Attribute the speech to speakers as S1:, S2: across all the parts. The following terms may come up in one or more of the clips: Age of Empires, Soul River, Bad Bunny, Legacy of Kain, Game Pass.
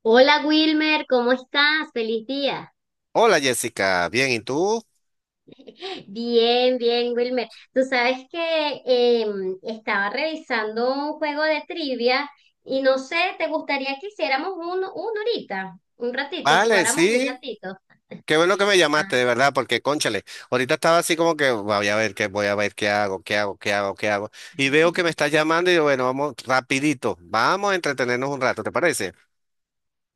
S1: Hola Wilmer, ¿cómo estás? Feliz día.
S2: Hola Jessica, bien, ¿y tú?
S1: Bien, bien, Wilmer. Tú sabes que estaba revisando un juego de trivia y no sé, ¿te gustaría que hiciéramos uno ahorita? Un ratito,
S2: Vale,
S1: jugáramos un
S2: sí,
S1: ratito.
S2: qué bueno que me llamaste, de
S1: Ah,
S2: verdad, porque cónchale, ahorita estaba así como que voy a ver qué, voy a ver qué hago, qué hago, qué hago, qué hago. Y veo que me estás llamando y digo, bueno, vamos rapidito, vamos a entretenernos un rato, ¿te parece?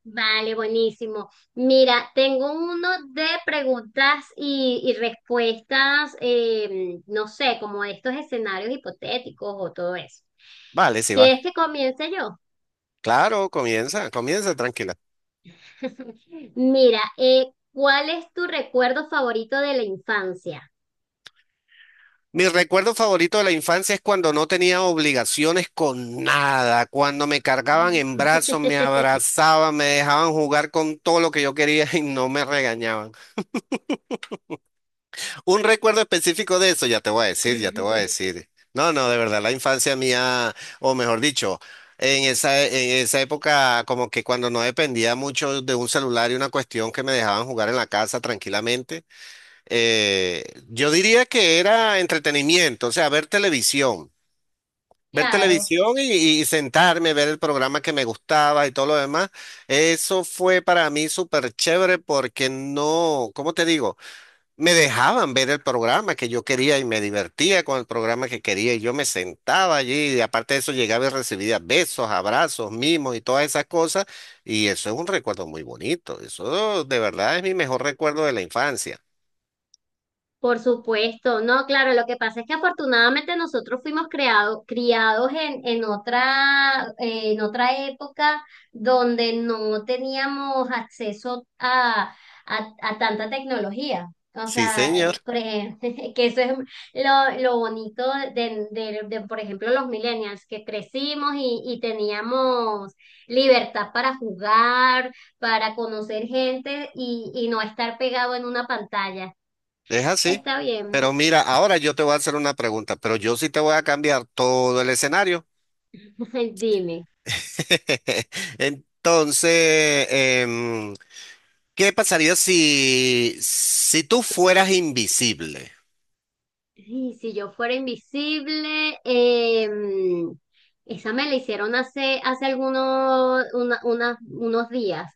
S1: vale, buenísimo. Mira, tengo uno de preguntas y respuestas, no sé, como de estos escenarios hipotéticos o todo eso.
S2: Vale, sí va.
S1: ¿Quieres que comience yo?
S2: Claro, comienza, comienza, tranquila.
S1: Mira, ¿cuál es tu recuerdo favorito de la infancia?
S2: Mi recuerdo favorito de la infancia es cuando no tenía obligaciones con nada, cuando me cargaban en brazos, me abrazaban, me dejaban jugar con todo lo que yo quería y no me regañaban. Un recuerdo específico de eso, ya te voy a decir, ya te voy a decir. No, no, de verdad, la infancia mía, o mejor dicho, en esa época, como que cuando no dependía mucho de un celular y una cuestión que me dejaban jugar en la casa tranquilamente, eh, yo diría que era entretenimiento, o sea, ver televisión. Ver
S1: Claro.
S2: televisión y sentarme, ver el programa que me gustaba y todo lo demás. Eso fue para mí súper chévere porque no, ¿cómo te digo? Me dejaban ver el programa que yo quería y me divertía con el programa que quería y yo me sentaba allí y aparte de eso llegaba y recibía besos, abrazos, mimos y todas esas cosas y eso es un recuerdo muy bonito, eso de verdad es mi mejor recuerdo de la infancia.
S1: Por supuesto, no, claro, lo que pasa es que afortunadamente nosotros fuimos creado, criados en otra, en otra época donde no teníamos acceso a tanta tecnología. O
S2: Sí,
S1: sea,
S2: señor,
S1: por ejemplo, que eso es lo bonito de, por ejemplo, los millennials, que crecimos y teníamos libertad para jugar, para conocer gente y no estar pegado en una pantalla.
S2: es así.
S1: Está bien,
S2: Pero mira, ahora yo te voy a hacer una pregunta, pero yo sí te voy a cambiar todo el escenario.
S1: dime.
S2: Entonces, ¿qué pasaría si tú fueras invisible?
S1: Y si yo fuera invisible, esa me la hicieron hace algunos unos días.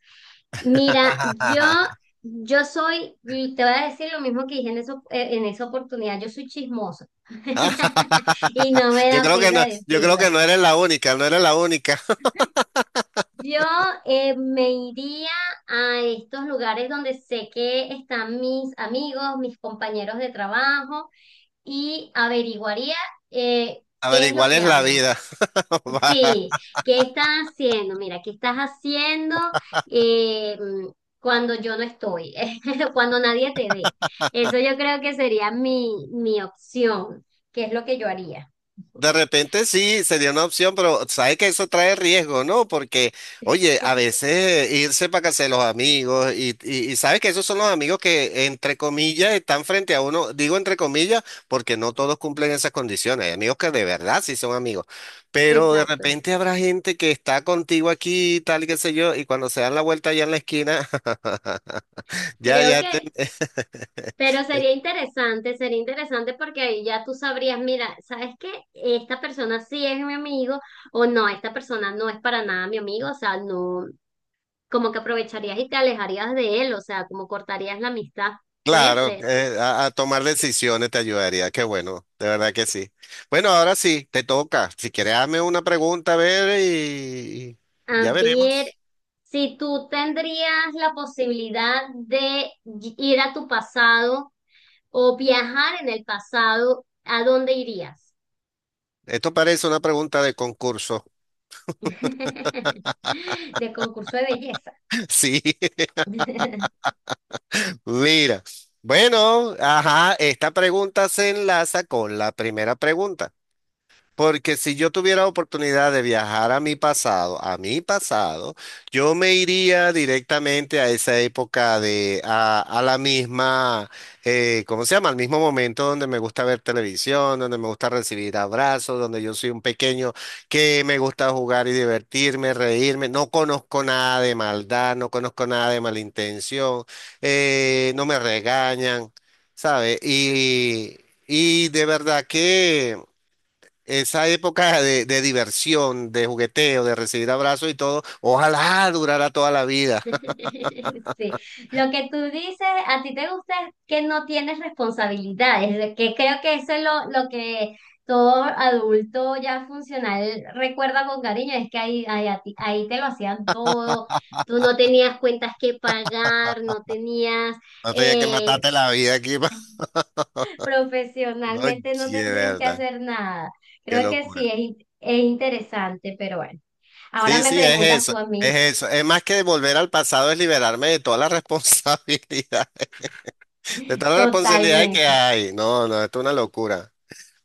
S1: Mira, yo soy, te voy a decir lo mismo que dije en, eso, en esa oportunidad, yo soy chismosa y no me
S2: Yo
S1: da
S2: creo que no,
S1: pena
S2: yo creo
S1: decirlo.
S2: que no eres la única, no eres la única.
S1: Yo me iría a estos lugares donde sé que están mis amigos, mis compañeros de trabajo y averiguaría
S2: A ver,
S1: qué es lo
S2: igual
S1: que
S2: es la
S1: hablan.
S2: vida. Va.
S1: Sí, qué estás haciendo, mira, qué estás haciendo eh, mm, cuando yo no estoy, cuando nadie te ve. Eso yo creo que sería mi opción, que es lo que yo haría.
S2: De repente sí, sería una opción, pero sabes que eso trae riesgo, ¿no? Porque, oye, a veces irse para casa de los amigos y sabes que esos son los amigos que, entre comillas, están frente a uno. Digo entre comillas porque no todos cumplen esas condiciones. Hay amigos que de verdad sí son amigos, pero de
S1: Exacto.
S2: repente habrá gente que está contigo aquí, tal, qué sé yo, y cuando se dan la vuelta allá en la esquina. Ya,
S1: Creo
S2: ya,
S1: que, pero sería interesante porque ahí ya tú sabrías, mira, ¿sabes qué? Esta persona sí es mi amigo o no, esta persona no es para nada mi amigo, o sea, no, como que aprovecharías y te alejarías de él, o sea, como cortarías la amistad, puede
S2: claro,
S1: ser.
S2: a tomar decisiones te ayudaría. Qué bueno, de verdad que sí. Bueno, ahora sí, te toca. Si quieres, hazme una pregunta, a ver, y
S1: A
S2: ya
S1: ver,
S2: veremos.
S1: si tú tendrías la posibilidad de ir a tu pasado o viajar en el pasado, ¿a dónde irías?
S2: Esto parece una pregunta de concurso.
S1: De concurso de belleza.
S2: Sí, mira. Bueno, ajá, esta pregunta se enlaza con la primera pregunta. Porque si yo tuviera oportunidad de viajar a mi pasado, yo me iría directamente a esa época de, a la misma, ¿cómo se llama? Al mismo momento donde me gusta ver televisión, donde me gusta recibir abrazos, donde yo soy un pequeño que me gusta jugar y divertirme, reírme. No conozco nada de maldad, no conozco nada de malintención, no me regañan, ¿sabes? Y de verdad que... Esa época de diversión, de jugueteo, de recibir abrazos y todo, ojalá durara toda la vida.
S1: Sí, lo que tú dices, a ti te gusta es que no tienes responsabilidades, de que creo que eso es lo que todo adulto ya funcional recuerda con cariño, es que ahí, ahí te lo hacían todo, tú no tenías cuentas que pagar, no tenías,
S2: No tenía que
S1: eh,
S2: matarte la vida aquí. Pa-
S1: profesionalmente no
S2: Oye,
S1: tendrías que
S2: verdad,
S1: hacer nada.
S2: qué
S1: Creo que sí,
S2: locura.
S1: es, es interesante, pero bueno, ahora
S2: Sí,
S1: me
S2: sí, es
S1: preguntas
S2: eso,
S1: tú a mí,
S2: es eso. Es más que volver al pasado, es liberarme de toda la responsabilidad, de toda la responsabilidad que
S1: totalmente,
S2: hay. No, no, esto es una locura.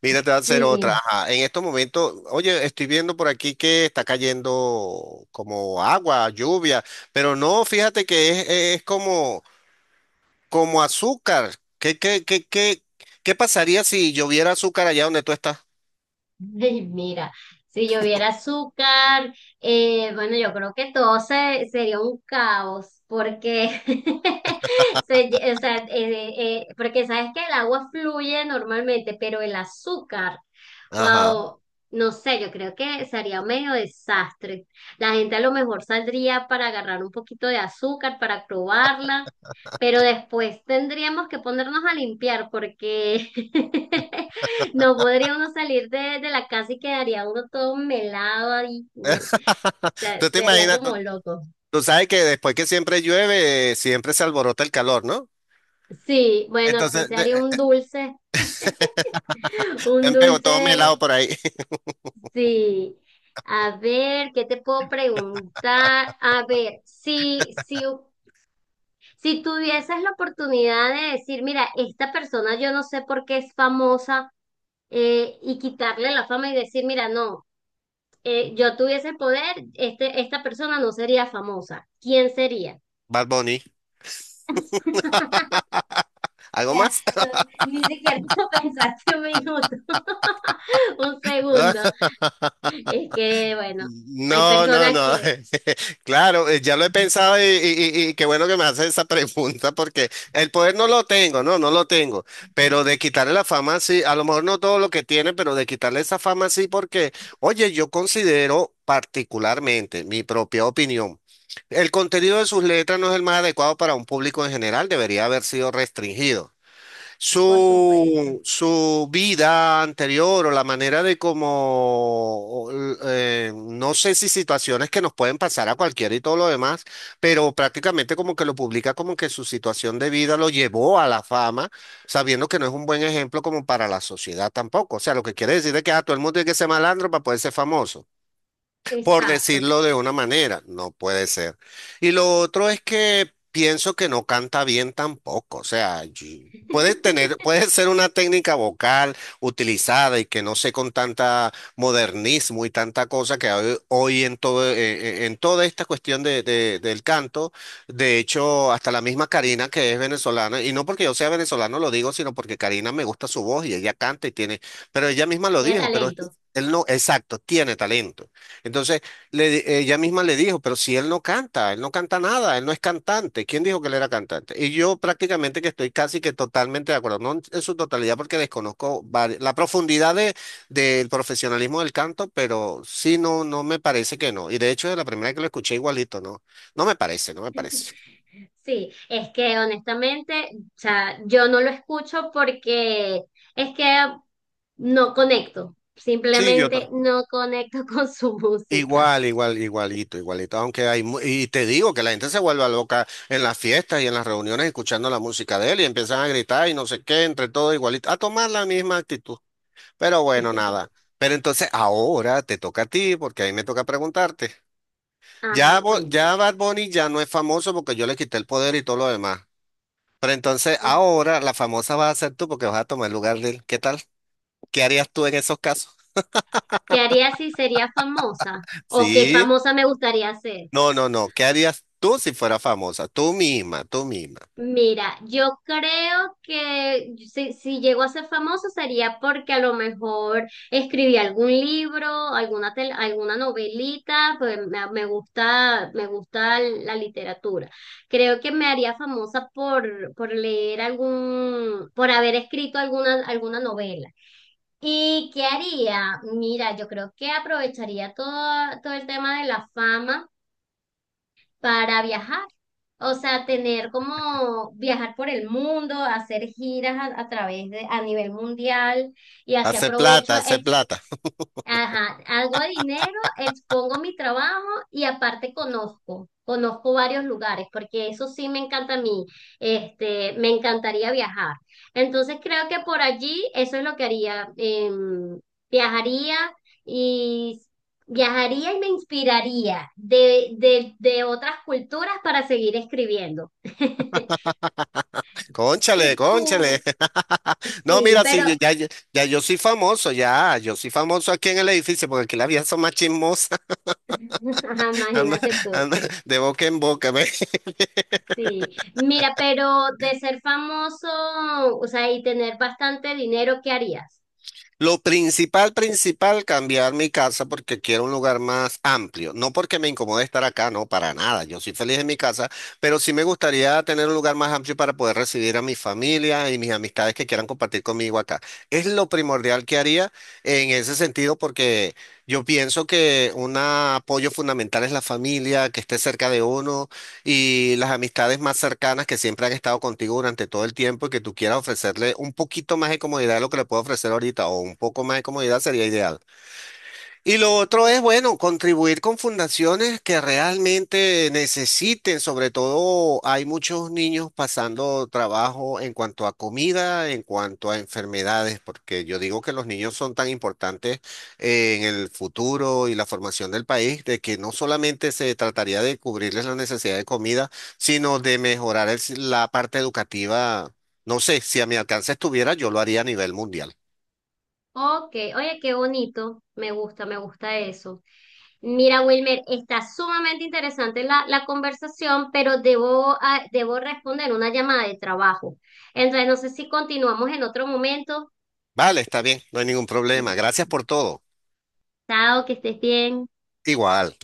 S2: Mira, te voy a hacer otra.
S1: sí.
S2: Ajá, en estos momentos, oye, estoy viendo por aquí que está cayendo como agua, lluvia, pero no, fíjate que es como como azúcar. ¿Qué, qué, qué, qué, qué pasaría si lloviera azúcar allá donde tú estás?
S1: Ay, mira, si lloviera azúcar, bueno, yo creo que todo sería un caos, porque, o sea, porque sabes que el agua fluye normalmente, pero el azúcar
S2: Ajá.
S1: wow, no sé, yo creo que sería medio desastre. La gente a lo mejor saldría para agarrar un poquito de azúcar, para probarla, pero después tendríamos que ponernos a limpiar porque no podría uno salir de la casa y quedaría uno todo melado y
S2: Tú te
S1: sería
S2: imaginas,
S1: como
S2: tú,
S1: loco.
S2: tú sabes que después que siempre llueve, siempre se alborota el calor, ¿no?
S1: Sí, bueno, aquí
S2: Entonces,
S1: se haría un dulce, un
S2: me pegó todo mi
S1: dulce.
S2: helado por ahí.
S1: Sí. A ver, ¿qué te puedo preguntar? A ver, si tuvieses la oportunidad de decir, mira, esta persona yo no sé por qué es famosa, y quitarle la fama y decir, mira, no, yo tuviese el poder, este, esta persona no sería famosa. ¿Quién sería?
S2: Bad Bunny.
S1: O
S2: ¿Algo
S1: sea,
S2: más?
S1: tú ni siquiera lo pensaste un minuto, un segundo. Es que, bueno, hay
S2: No, no,
S1: personas
S2: no.
S1: que,
S2: Claro, ya lo he pensado y, y qué bueno que me haces esa pregunta porque el poder no lo tengo, no, no lo tengo. Pero de quitarle la fama, sí, a lo mejor no todo lo que tiene, pero de quitarle esa fama, sí, porque, oye, yo considero particularmente mi propia opinión. El contenido de sus letras no es el más adecuado para un público en general, debería haber sido restringido
S1: por supuesto,
S2: su, su vida anterior o la manera de cómo, no sé si situaciones que nos pueden pasar a cualquiera y todo lo demás, pero prácticamente como que lo publica como que su situación de vida lo llevó a la fama, sabiendo que no es un buen ejemplo como para la sociedad tampoco. O sea, lo que quiere decir es que a todo el mundo tiene que ser malandro para poder ser famoso por
S1: exacto.
S2: decirlo de una manera, no puede ser. Y lo otro es que pienso que no canta bien tampoco, o sea, yo- puede tener, puede ser una técnica vocal utilizada y que no sé con tanta modernismo y tanta cosa que hay hoy en todo, en toda esta cuestión del canto. De hecho, hasta la misma Karina que es venezolana, y no porque yo sea venezolano lo digo, sino porque Karina me gusta su voz y ella canta y tiene, pero ella misma lo
S1: Tiene
S2: dijo, pero es que
S1: talento.
S2: él no, exacto, tiene talento. Entonces, le di- ella misma le dijo, pero si él no canta, él no canta nada, él no es cantante. ¿Quién dijo que él era cantante? Y yo prácticamente que estoy casi que totalmente de acuerdo, no en, en su totalidad porque desconozco vari- la profundidad de, del profesionalismo del canto, pero sí, no, no me parece que no. Y de hecho, de la primera vez que lo escuché igualito, no, no me parece, no me parece.
S1: Sí, es que honestamente, o sea, yo no lo escucho porque es que no conecto,
S2: Sí, yo, ta-
S1: simplemente no conecto con su música.
S2: igual, igual, igualito, igualito. Aunque hay, mu- y te digo que la gente se vuelve loca en las fiestas y en las reuniones escuchando la música de él y empiezan a gritar y no sé qué, entre todo igualito, a tomar la misma actitud. Pero bueno, nada. Pero entonces ahora te toca a ti, porque ahí me toca preguntarte. Ya,
S1: Ajá,
S2: Bo-
S1: cuéntame.
S2: ya Bad Bunny ya no es famoso porque yo le quité el poder y todo lo demás. Pero entonces
S1: Ok.
S2: ahora la famosa vas a ser tú porque vas a tomar el lugar de él. ¿Qué tal? ¿Qué harías tú en esos casos?
S1: ¿Qué haría si sería famosa? ¿O qué
S2: Sí.
S1: famosa me gustaría ser?
S2: No, no, no. ¿Qué harías tú si fueras famosa? Tú misma, tú misma.
S1: Mira, yo creo que si llego a ser famoso sería porque a lo mejor escribí algún libro, alguna novelita, pues me gusta la literatura. Creo que me haría famosa por leer algún, por haber escrito alguna, alguna novela. ¿Y qué haría? Mira, yo creo que aprovecharía todo, todo el tema de la fama para viajar. O sea, tener como viajar por el mundo, hacer giras a través de, a nivel mundial y así
S2: Hace
S1: aprovecho
S2: plata, hace plata.
S1: ajá, hago dinero, expongo mi trabajo y aparte conozco, conozco varios lugares, porque eso sí me encanta a mí, este, me encantaría viajar. Entonces creo que por allí eso es lo que haría, viajaría y viajaría y me inspiraría de otras culturas para seguir escribiendo.
S2: Cónchale,
S1: Y
S2: cónchale.
S1: tú,
S2: No,
S1: sí,
S2: mira,
S1: pero
S2: sí, yo- ya, ya, ya yo soy famoso, ya. Yo soy famoso aquí en el edificio porque aquí las vías son más chismosas.
S1: ajá,
S2: Anda,
S1: imagínate tú.
S2: anda. De boca en boca.
S1: Sí, mira, pero de ser famoso, o sea, y tener bastante dinero, ¿qué harías?
S2: Lo principal, principal, cambiar mi casa porque quiero un lugar más amplio. No porque me incomode estar acá, no, para nada. Yo soy feliz en mi casa, pero sí me gustaría tener un lugar más amplio para poder recibir a mi familia y mis amistades que quieran compartir conmigo acá. Es lo primordial que haría en ese sentido porque yo pienso que un apoyo fundamental es la familia, que esté cerca de uno y las amistades más cercanas que siempre han estado contigo durante todo el tiempo y que tú quieras ofrecerle un poquito más de comodidad de lo que le puedo ofrecer ahorita o un poco más de comodidad sería ideal. Y lo otro
S1: Ujú.
S2: es, bueno, contribuir con fundaciones que realmente necesiten, sobre todo hay muchos niños pasando trabajo en cuanto a comida, en cuanto a enfermedades, porque yo digo que los niños son tan importantes en el futuro y la formación del país, de que no solamente se trataría de cubrirles la necesidad de comida, sino de mejorar el si- la parte educativa. No sé, si a mi alcance estuviera, yo lo haría a nivel mundial.
S1: Ok, oye, qué bonito, me gusta eso. Mira, Wilmer, está sumamente interesante la conversación, pero debo, ah, debo responder una llamada de trabajo. Entonces, no sé si continuamos en otro momento.
S2: Vale, está bien, no hay ningún problema. Gracias por todo.
S1: Chao, que estés bien.
S2: Igual